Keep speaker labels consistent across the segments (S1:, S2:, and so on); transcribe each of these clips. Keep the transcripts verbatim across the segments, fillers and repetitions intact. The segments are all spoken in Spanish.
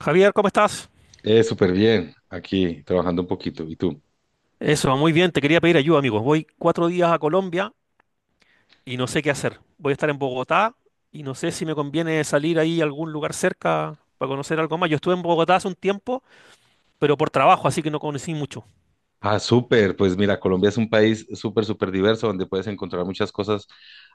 S1: Javier, ¿cómo estás?
S2: Eh, súper bien, aquí trabajando un poquito. ¿Y tú?
S1: Eso, muy bien, te quería pedir ayuda, amigo. Voy cuatro días a Colombia y no sé qué hacer. Voy a estar en Bogotá y no sé si me conviene salir ahí a algún lugar cerca para conocer algo más. Yo estuve en Bogotá hace un tiempo, pero por trabajo, así que no conocí mucho.
S2: Ah, súper. Pues mira, Colombia es un país súper, súper diverso donde puedes encontrar muchas cosas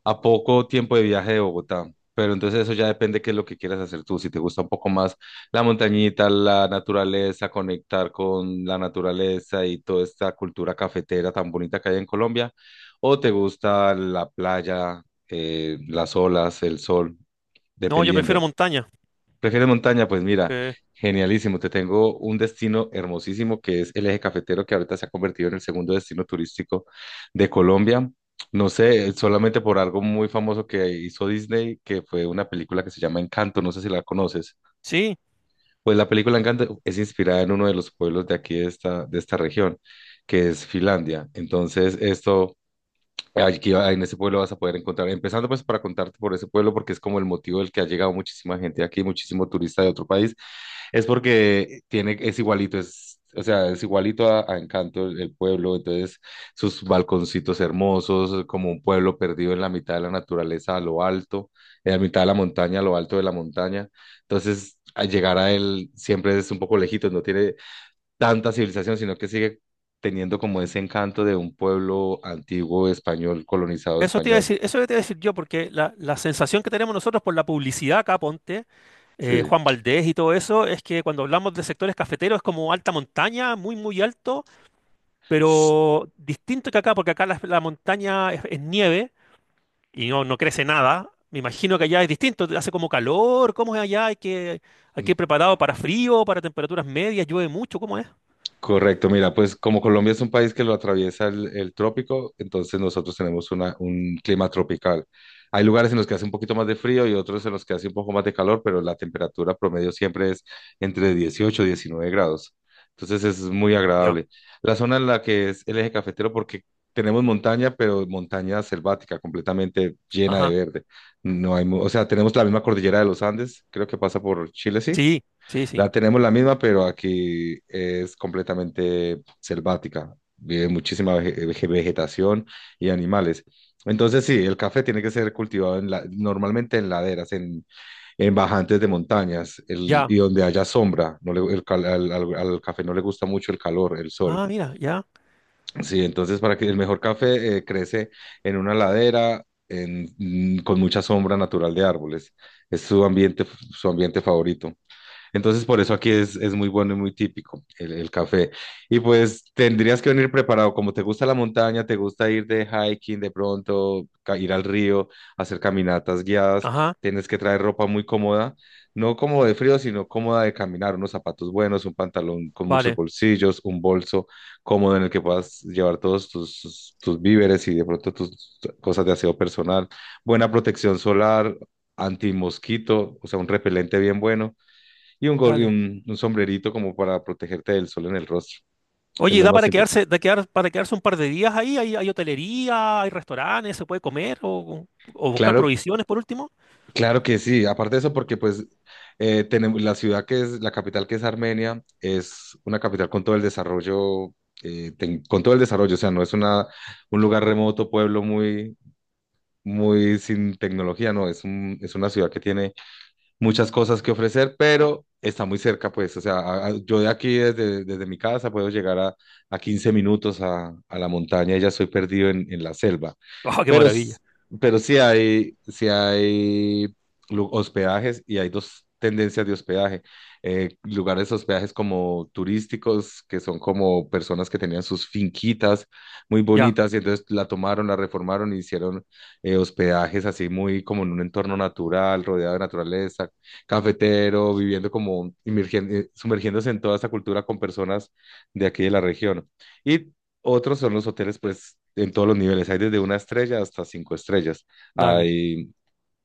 S2: a poco tiempo de viaje de Bogotá. Pero entonces eso ya depende qué es lo que quieras hacer tú. Si te gusta un poco más la montañita, la naturaleza, conectar con la naturaleza y toda esta cultura cafetera tan bonita que hay en Colombia, o te gusta la playa, eh, las olas, el sol,
S1: No, yo prefiero
S2: dependiendo.
S1: montaña.
S2: ¿Prefieres montaña? Pues mira,
S1: Eh,
S2: genialísimo. Te tengo un destino hermosísimo que es el eje cafetero que ahorita se ha convertido en el segundo destino turístico de Colombia. No sé, solamente por algo muy famoso que hizo Disney, que fue una película que se llama Encanto, no sé si la conoces.
S1: sí,
S2: Pues la película Encanto es inspirada en uno de los pueblos de aquí, de esta, de esta región, que es Finlandia. Entonces, esto, aquí va- en ese pueblo vas a poder encontrar, empezando pues para contarte por ese pueblo, porque es como el motivo del que ha llegado muchísima gente aquí, muchísimo turista de otro país es porque tiene, es igualito, es, o sea, es igualito a, a Encanto el, el pueblo, entonces sus balconcitos hermosos, como un pueblo perdido en la mitad de la naturaleza, a lo alto, en la mitad de la montaña, a lo alto de la montaña. Entonces, al llegar a él siempre es un poco lejito, no tiene tanta civilización, sino que sigue teniendo como ese encanto de un pueblo antiguo español, colonizado
S1: eso te iba a
S2: español.
S1: decir, eso te iba a decir yo, porque la, la sensación que tenemos nosotros por la publicidad acá, ponte, eh,
S2: Sí.
S1: Juan Valdés y todo eso, es que cuando hablamos de sectores cafeteros es como alta montaña, muy, muy alto. Pero distinto que acá, porque acá la, la montaña es, es nieve y no, no crece nada. Me imagino que allá es distinto, hace como calor, ¿cómo es allá? Hay que, hay que ir preparado para frío, para temperaturas medias, llueve mucho, ¿cómo es?
S2: Correcto, mira, pues como Colombia es un país que lo atraviesa el, el trópico, entonces nosotros tenemos una- un clima tropical. Hay lugares en los que hace un poquito más de frío y otros en los que hace un poco más de calor, pero la temperatura promedio siempre es entre dieciocho y diecinueve grados. Entonces es muy
S1: Ya,
S2: agradable. La zona en la que es el eje cafetero, porque tenemos montaña, pero montaña selvática, completamente llena
S1: ajá.
S2: de verde. No hay, mu- o sea, tenemos la misma cordillera de los Andes, creo que pasa por Chile, sí.
S1: Sí, sí, sí.
S2: La tenemos la misma, pero aquí es completamente selvática. Vive muchísima vege- vege- vegetación y animales. Entonces, sí, el café tiene que ser cultivado en la- normalmente en laderas, en, en bajantes de montañas el-
S1: Ya.
S2: y donde haya sombra. No le- el cal- al, al- al café no le gusta mucho el calor, el sol.
S1: Ah, mira, ya.
S2: Sí, entonces para que el mejor café eh, crece en una ladera en- mm, con mucha sombra natural de árboles. Es su ambiente, su ambiente favorito. Entonces, por eso aquí es, es muy bueno y muy típico el, el café. Y pues tendrías que venir preparado, como te gusta la montaña, te gusta ir de hiking de pronto, ca- ir al río, hacer caminatas guiadas,
S1: Ajá.
S2: tienes que traer ropa muy cómoda, no como de frío, sino cómoda de caminar, unos zapatos buenos, un pantalón con muchos
S1: Vale,
S2: bolsillos, un bolso cómodo en el que puedas llevar todos tus, tus tus víveres y de pronto tus cosas de aseo personal, buena protección solar, antimosquito, o sea, un repelente bien bueno y un, gor- y
S1: dale.
S2: un, un sombrerito como para protegerte del sol en el rostro, es
S1: Oye, ¿y
S2: lo
S1: ¿da
S2: más
S1: para
S2: importante.
S1: quedarse, da quedar, para quedarse un par de días ahí? ¿Hay, hay hotelería, hay restaurantes, se puede comer o, o buscar
S2: Claro,
S1: provisiones por último?
S2: claro que sí. Aparte de eso, porque pues eh, tenemos la ciudad que es, la capital que es Armenia, es una capital con todo el desarrollo, eh, tec- con todo el desarrollo, o sea, no es una, un lugar remoto, pueblo muy, muy sin tecnología, no, es un, es una ciudad que tiene muchas cosas que ofrecer, pero está muy cerca, pues, o sea, a- a- yo de aquí, desde, desde mi casa, puedo llegar a, a quince minutos a, a la montaña y ya estoy perdido en, en la selva.
S1: ¡Oh, qué
S2: Pero, s-
S1: maravilla!
S2: pero sí hay, sí hay lu- hospedajes y hay dos tendencias de hospedaje. Eh, lugares hospedajes como turísticos, que son como personas que tenían sus finquitas muy
S1: Ya,
S2: bonitas y entonces la tomaron, la reformaron y hicieron eh, hospedajes así muy como en un entorno natural, rodeado de naturaleza, cafetero, viviendo como inmergen- eh, sumergiéndose en toda esa cultura con personas de aquí de la región. Y otros son los hoteles, pues, en todos los niveles. Hay desde una estrella hasta cinco estrellas.
S1: dale.
S2: Hay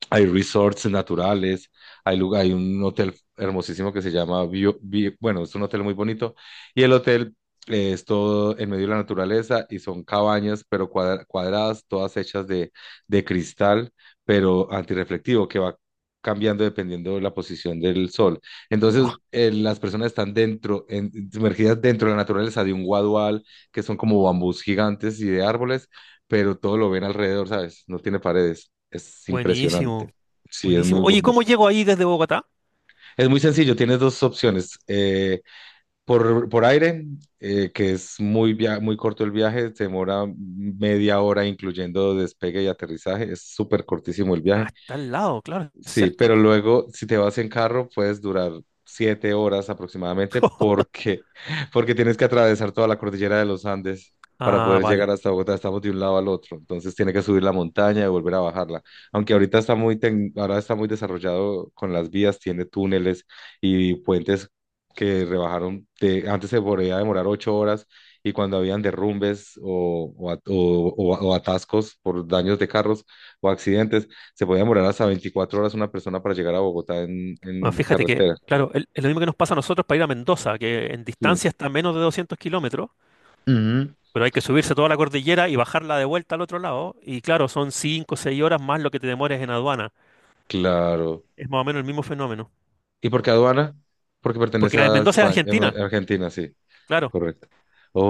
S2: hay resorts naturales, hay lugar, hay un hotel hermosísimo que se llama, Bio- Bi- bueno, es un hotel muy bonito y el hotel eh, es todo en medio de la naturaleza y son cabañas, pero cuadra- cuadradas, todas hechas de, de cristal, pero antirreflectivo, que va cambiando dependiendo de la posición del sol. Entonces,
S1: Oh,
S2: eh, las personas están dentro, en- sumergidas dentro de la naturaleza de un guadual, que son como bambús gigantes y de árboles, pero todo lo ven alrededor, ¿sabes? No tiene paredes. Es impresionante.
S1: buenísimo.
S2: Sí, es
S1: Buenísimo.
S2: muy
S1: Oye,
S2: bueno.
S1: ¿cómo llego ahí desde Bogotá?
S2: Es muy sencillo, tienes dos opciones. eh, por, por aire, eh, que es muy, via- muy corto el viaje, se demora media hora incluyendo despegue y aterrizaje, es súper cortísimo el
S1: Ah,
S2: viaje.
S1: está al lado, claro,
S2: Sí,
S1: cerca.
S2: pero luego si te vas en carro puedes durar siete horas aproximadamente porque, porque tienes que atravesar toda la cordillera de los Andes para
S1: Ah,
S2: poder llegar
S1: vale.
S2: hasta Bogotá. Estamos de un lado al otro, entonces tiene que subir la montaña y volver a bajarla. Aunque ahorita está muy, tec- ahora está muy desarrollado con las vías, tiene túneles y puentes que rebajaron. De- antes se podía demorar ocho horas y cuando habían derrumbes o o at- o- o- o atascos por daños de carros o accidentes se podía demorar hasta veinticuatro horas una persona para llegar a Bogotá en,
S1: Bueno,
S2: en
S1: fíjate que,
S2: carretera.
S1: claro, el- es lo mismo que nos pasa a nosotros para ir a Mendoza, que en
S2: Sí.
S1: distancia está a menos de doscientos kilómetros,
S2: Ujú.
S1: pero hay que subirse toda la cordillera y bajarla de vuelta al otro lado. Y claro, son cinco o seis horas más lo que te demores en aduana.
S2: Claro.
S1: Es más o menos el mismo fenómeno.
S2: ¿Y por qué aduana? Porque
S1: Porque
S2: pertenece
S1: en
S2: a
S1: Mendoza es
S2: España, em,
S1: Argentina.
S2: Argentina, sí,
S1: Claro,
S2: correcto.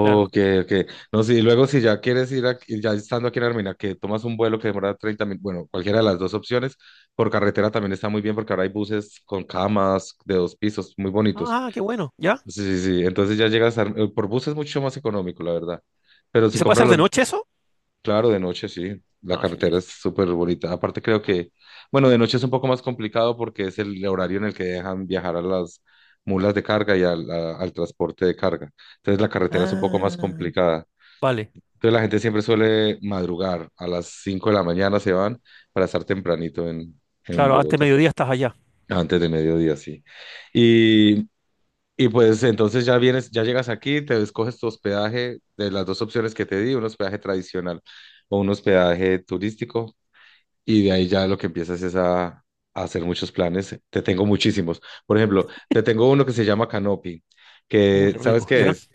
S1: claro.
S2: ok. No, sí, y luego si ya quieres ir, aquí- ya estando aquí en Armenia, que tomas un vuelo que demora treinta minutos, bueno, cualquiera de las dos opciones, por carretera también está muy bien porque ahora hay buses con camas de dos pisos, muy bonitos.
S1: Ah, qué bueno. ¿Ya?
S2: Sí, sí, sí. Entonces ya llegas, a Ar- eh, por bus es mucho más económico, la verdad. Pero
S1: ¿Y
S2: si
S1: se puede
S2: compras
S1: hacer de
S2: los.
S1: noche eso?
S2: Claro, de noche sí, la
S1: Ah, genial.
S2: carretera es súper bonita. Aparte creo que, bueno, de noche es un poco más complicado porque es el horario en el que dejan viajar a las mulas de carga y al, a- al transporte de carga. Entonces la carretera es un poco más
S1: Ah,
S2: complicada.
S1: vale.
S2: Entonces la gente siempre suele madrugar, a las cinco de la mañana se van para estar tempranito en, en
S1: Claro, antes de
S2: Bogotá,
S1: mediodía estás allá.
S2: antes de mediodía, sí. Y y pues entonces ya vienes, ya llegas aquí, te escoges tu hospedaje de las dos opciones que te di, un hospedaje tradicional o un hospedaje turístico y de ahí ya lo que empiezas es a, a hacer muchos planes. Te tengo muchísimos. Por ejemplo, te tengo uno que se llama canopy,
S1: Uh,
S2: que
S1: qué
S2: ¿sabes
S1: rico.
S2: qué
S1: ¿Ya?
S2: es?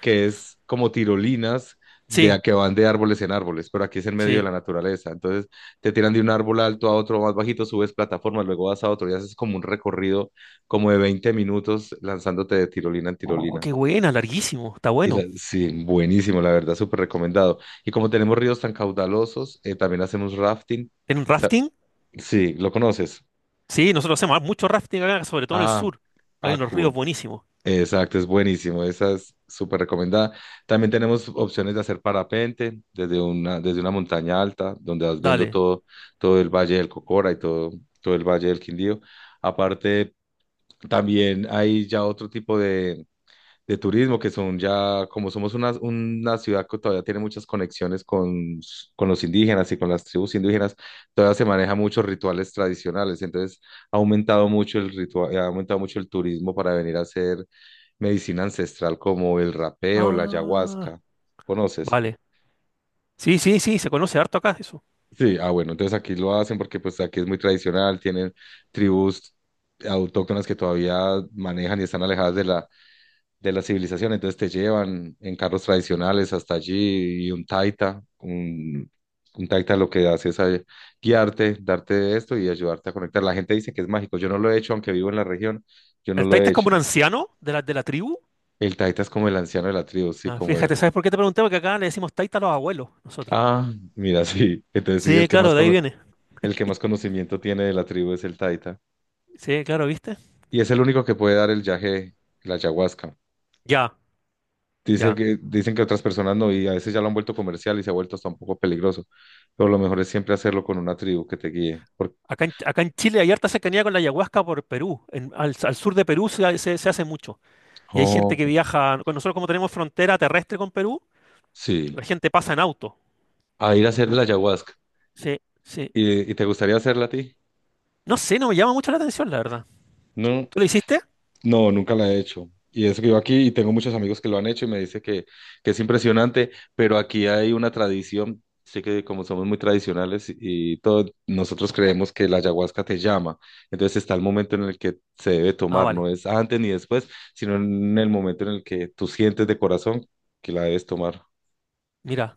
S2: Que es como tirolinas de
S1: Sí,
S2: a que van de árboles en árboles, pero aquí es en medio de
S1: sí.
S2: la naturaleza. Entonces te tiran de un árbol alto a otro más bajito, subes plataformas, luego vas a otro y haces como un recorrido como de veinte minutos lanzándote de tirolina en
S1: Oh,
S2: tirolina.
S1: qué buena, larguísimo, está
S2: Y la-
S1: bueno.
S2: sí, buenísimo, la verdad, súper recomendado. Y como tenemos ríos tan caudalosos, eh, también hacemos rafting.
S1: ¿En rafting?
S2: Sí, lo conoces.
S1: Sí, nosotros hacemos ah, mucho rafting acá, sobre todo en el
S2: Ah,
S1: sur. Hay
S2: ah,
S1: unos ríos
S2: cool.
S1: buenísimos.
S2: Exacto, es buenísimo. Esa es súper recomendada. También tenemos opciones de hacer parapente desde una, desde una montaña alta, donde vas viendo
S1: Dale.
S2: todo, todo el Valle del Cocora y todo, todo el Valle del Quindío. Aparte, también hay ya otro tipo de de turismo, que son ya, como somos una, una ciudad que todavía tiene muchas conexiones con, s- con los indígenas y con las tribus indígenas, todavía se manejan muchos rituales tradicionales, entonces ha aumentado mucho el ritual, ha aumentado mucho el turismo para venir a hacer medicina ancestral como el rapé o la
S1: Ah,
S2: ayahuasca, ¿conoces?
S1: vale. Sí, sí, sí, se conoce harto acá eso.
S2: Sí, ah bueno, entonces aquí lo hacen porque pues aquí es muy tradicional, tienen tribus autóctonas que todavía manejan y están alejadas de la de la civilización, entonces te llevan en carros tradicionales hasta allí y un taita, un, un taita lo que hace es eh, guiarte, darte esto y ayudarte a conectar. La gente dice que es mágico, yo no lo he hecho, aunque vivo en la región, yo no
S1: El
S2: lo
S1: taita
S2: he
S1: es
S2: hecho.
S1: como un anciano de la, de la tribu.
S2: El taita es como el anciano de la tribu, sí,
S1: Ah,
S2: como el...
S1: fíjate, ¿sabes por qué te pregunté? Porque acá le decimos taita a los abuelos, nosotros.
S2: Ah, mira, sí, entonces sí, el
S1: Sí,
S2: que más,
S1: claro, de ahí
S2: cono-
S1: viene.
S2: el que más conocimiento tiene de la tribu es el taita
S1: Sí, claro, ¿viste?
S2: y es el único que puede dar el yaje, la ayahuasca.
S1: Ya,
S2: Dice
S1: ya.
S2: que, dicen que otras personas no, y a veces ya lo han vuelto comercial y se ha vuelto hasta un poco peligroso. Pero lo mejor es siempre hacerlo con una tribu que te guíe. Por-
S1: Acá en, acá en Chile hay harta cercanía con la ayahuasca por Perú. En- al, al sur de Perú se, ha- se se hace mucho. Y hay gente
S2: Oh,
S1: que viaja, con nosotros como tenemos frontera terrestre con Perú,
S2: sí.
S1: la gente pasa en auto.
S2: A ir a hacer la ayahuasca.
S1: Sí, sí.
S2: ¿Y, y te gustaría hacerla a ti?
S1: No sé, no me llama mucho la atención, la verdad.
S2: No.
S1: ¿Tú lo hiciste?
S2: No, nunca la he hecho. Y eso que yo aquí, y tengo muchos amigos que lo han hecho y me dice que, que es impresionante, pero aquí hay una tradición, sé que como somos muy tradicionales y todo, nosotros creemos que la ayahuasca te llama. Entonces está el momento en el que se debe
S1: Ah,
S2: tomar, no
S1: vale.
S2: es antes ni después, sino en el momento en el que tú sientes de corazón que la debes tomar.
S1: Mira.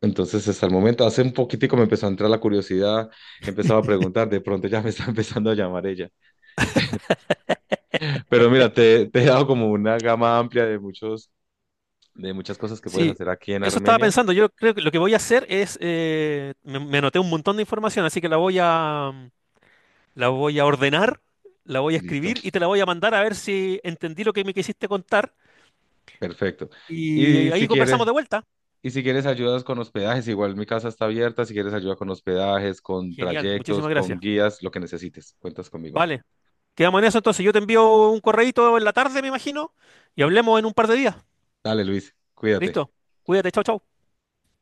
S2: Entonces, hasta el momento, hace un poquitico me empezó a entrar la curiosidad, empezaba a preguntar, de pronto ya me está empezando a llamar ella. Pero mira, te, te he dado como una gama amplia de muchos de muchas cosas que puedes
S1: Sí,
S2: hacer aquí en
S1: eso estaba
S2: Armenia.
S1: pensando. Yo creo que lo que voy a hacer es, eh, me, me anoté un montón de información, así que la voy a, la voy a ordenar, la voy a
S2: Listo.
S1: escribir y te la voy a mandar a ver si entendí lo que me quisiste contar.
S2: Perfecto. Y
S1: Y
S2: si
S1: ahí conversamos
S2: quieres,
S1: de vuelta.
S2: y si quieres ayudas con hospedajes, igual mi casa está abierta, si quieres ayuda con hospedajes, con
S1: Genial,
S2: trayectos,
S1: muchísimas
S2: con
S1: gracias.
S2: guías, lo que necesites, cuentas conmigo.
S1: Vale, quedamos en eso entonces. Yo te envío un correíto en la tarde, me imagino, y hablemos en un par de días.
S2: Dale, Luis, cuídate.
S1: Listo. Cuídate, chao, chao.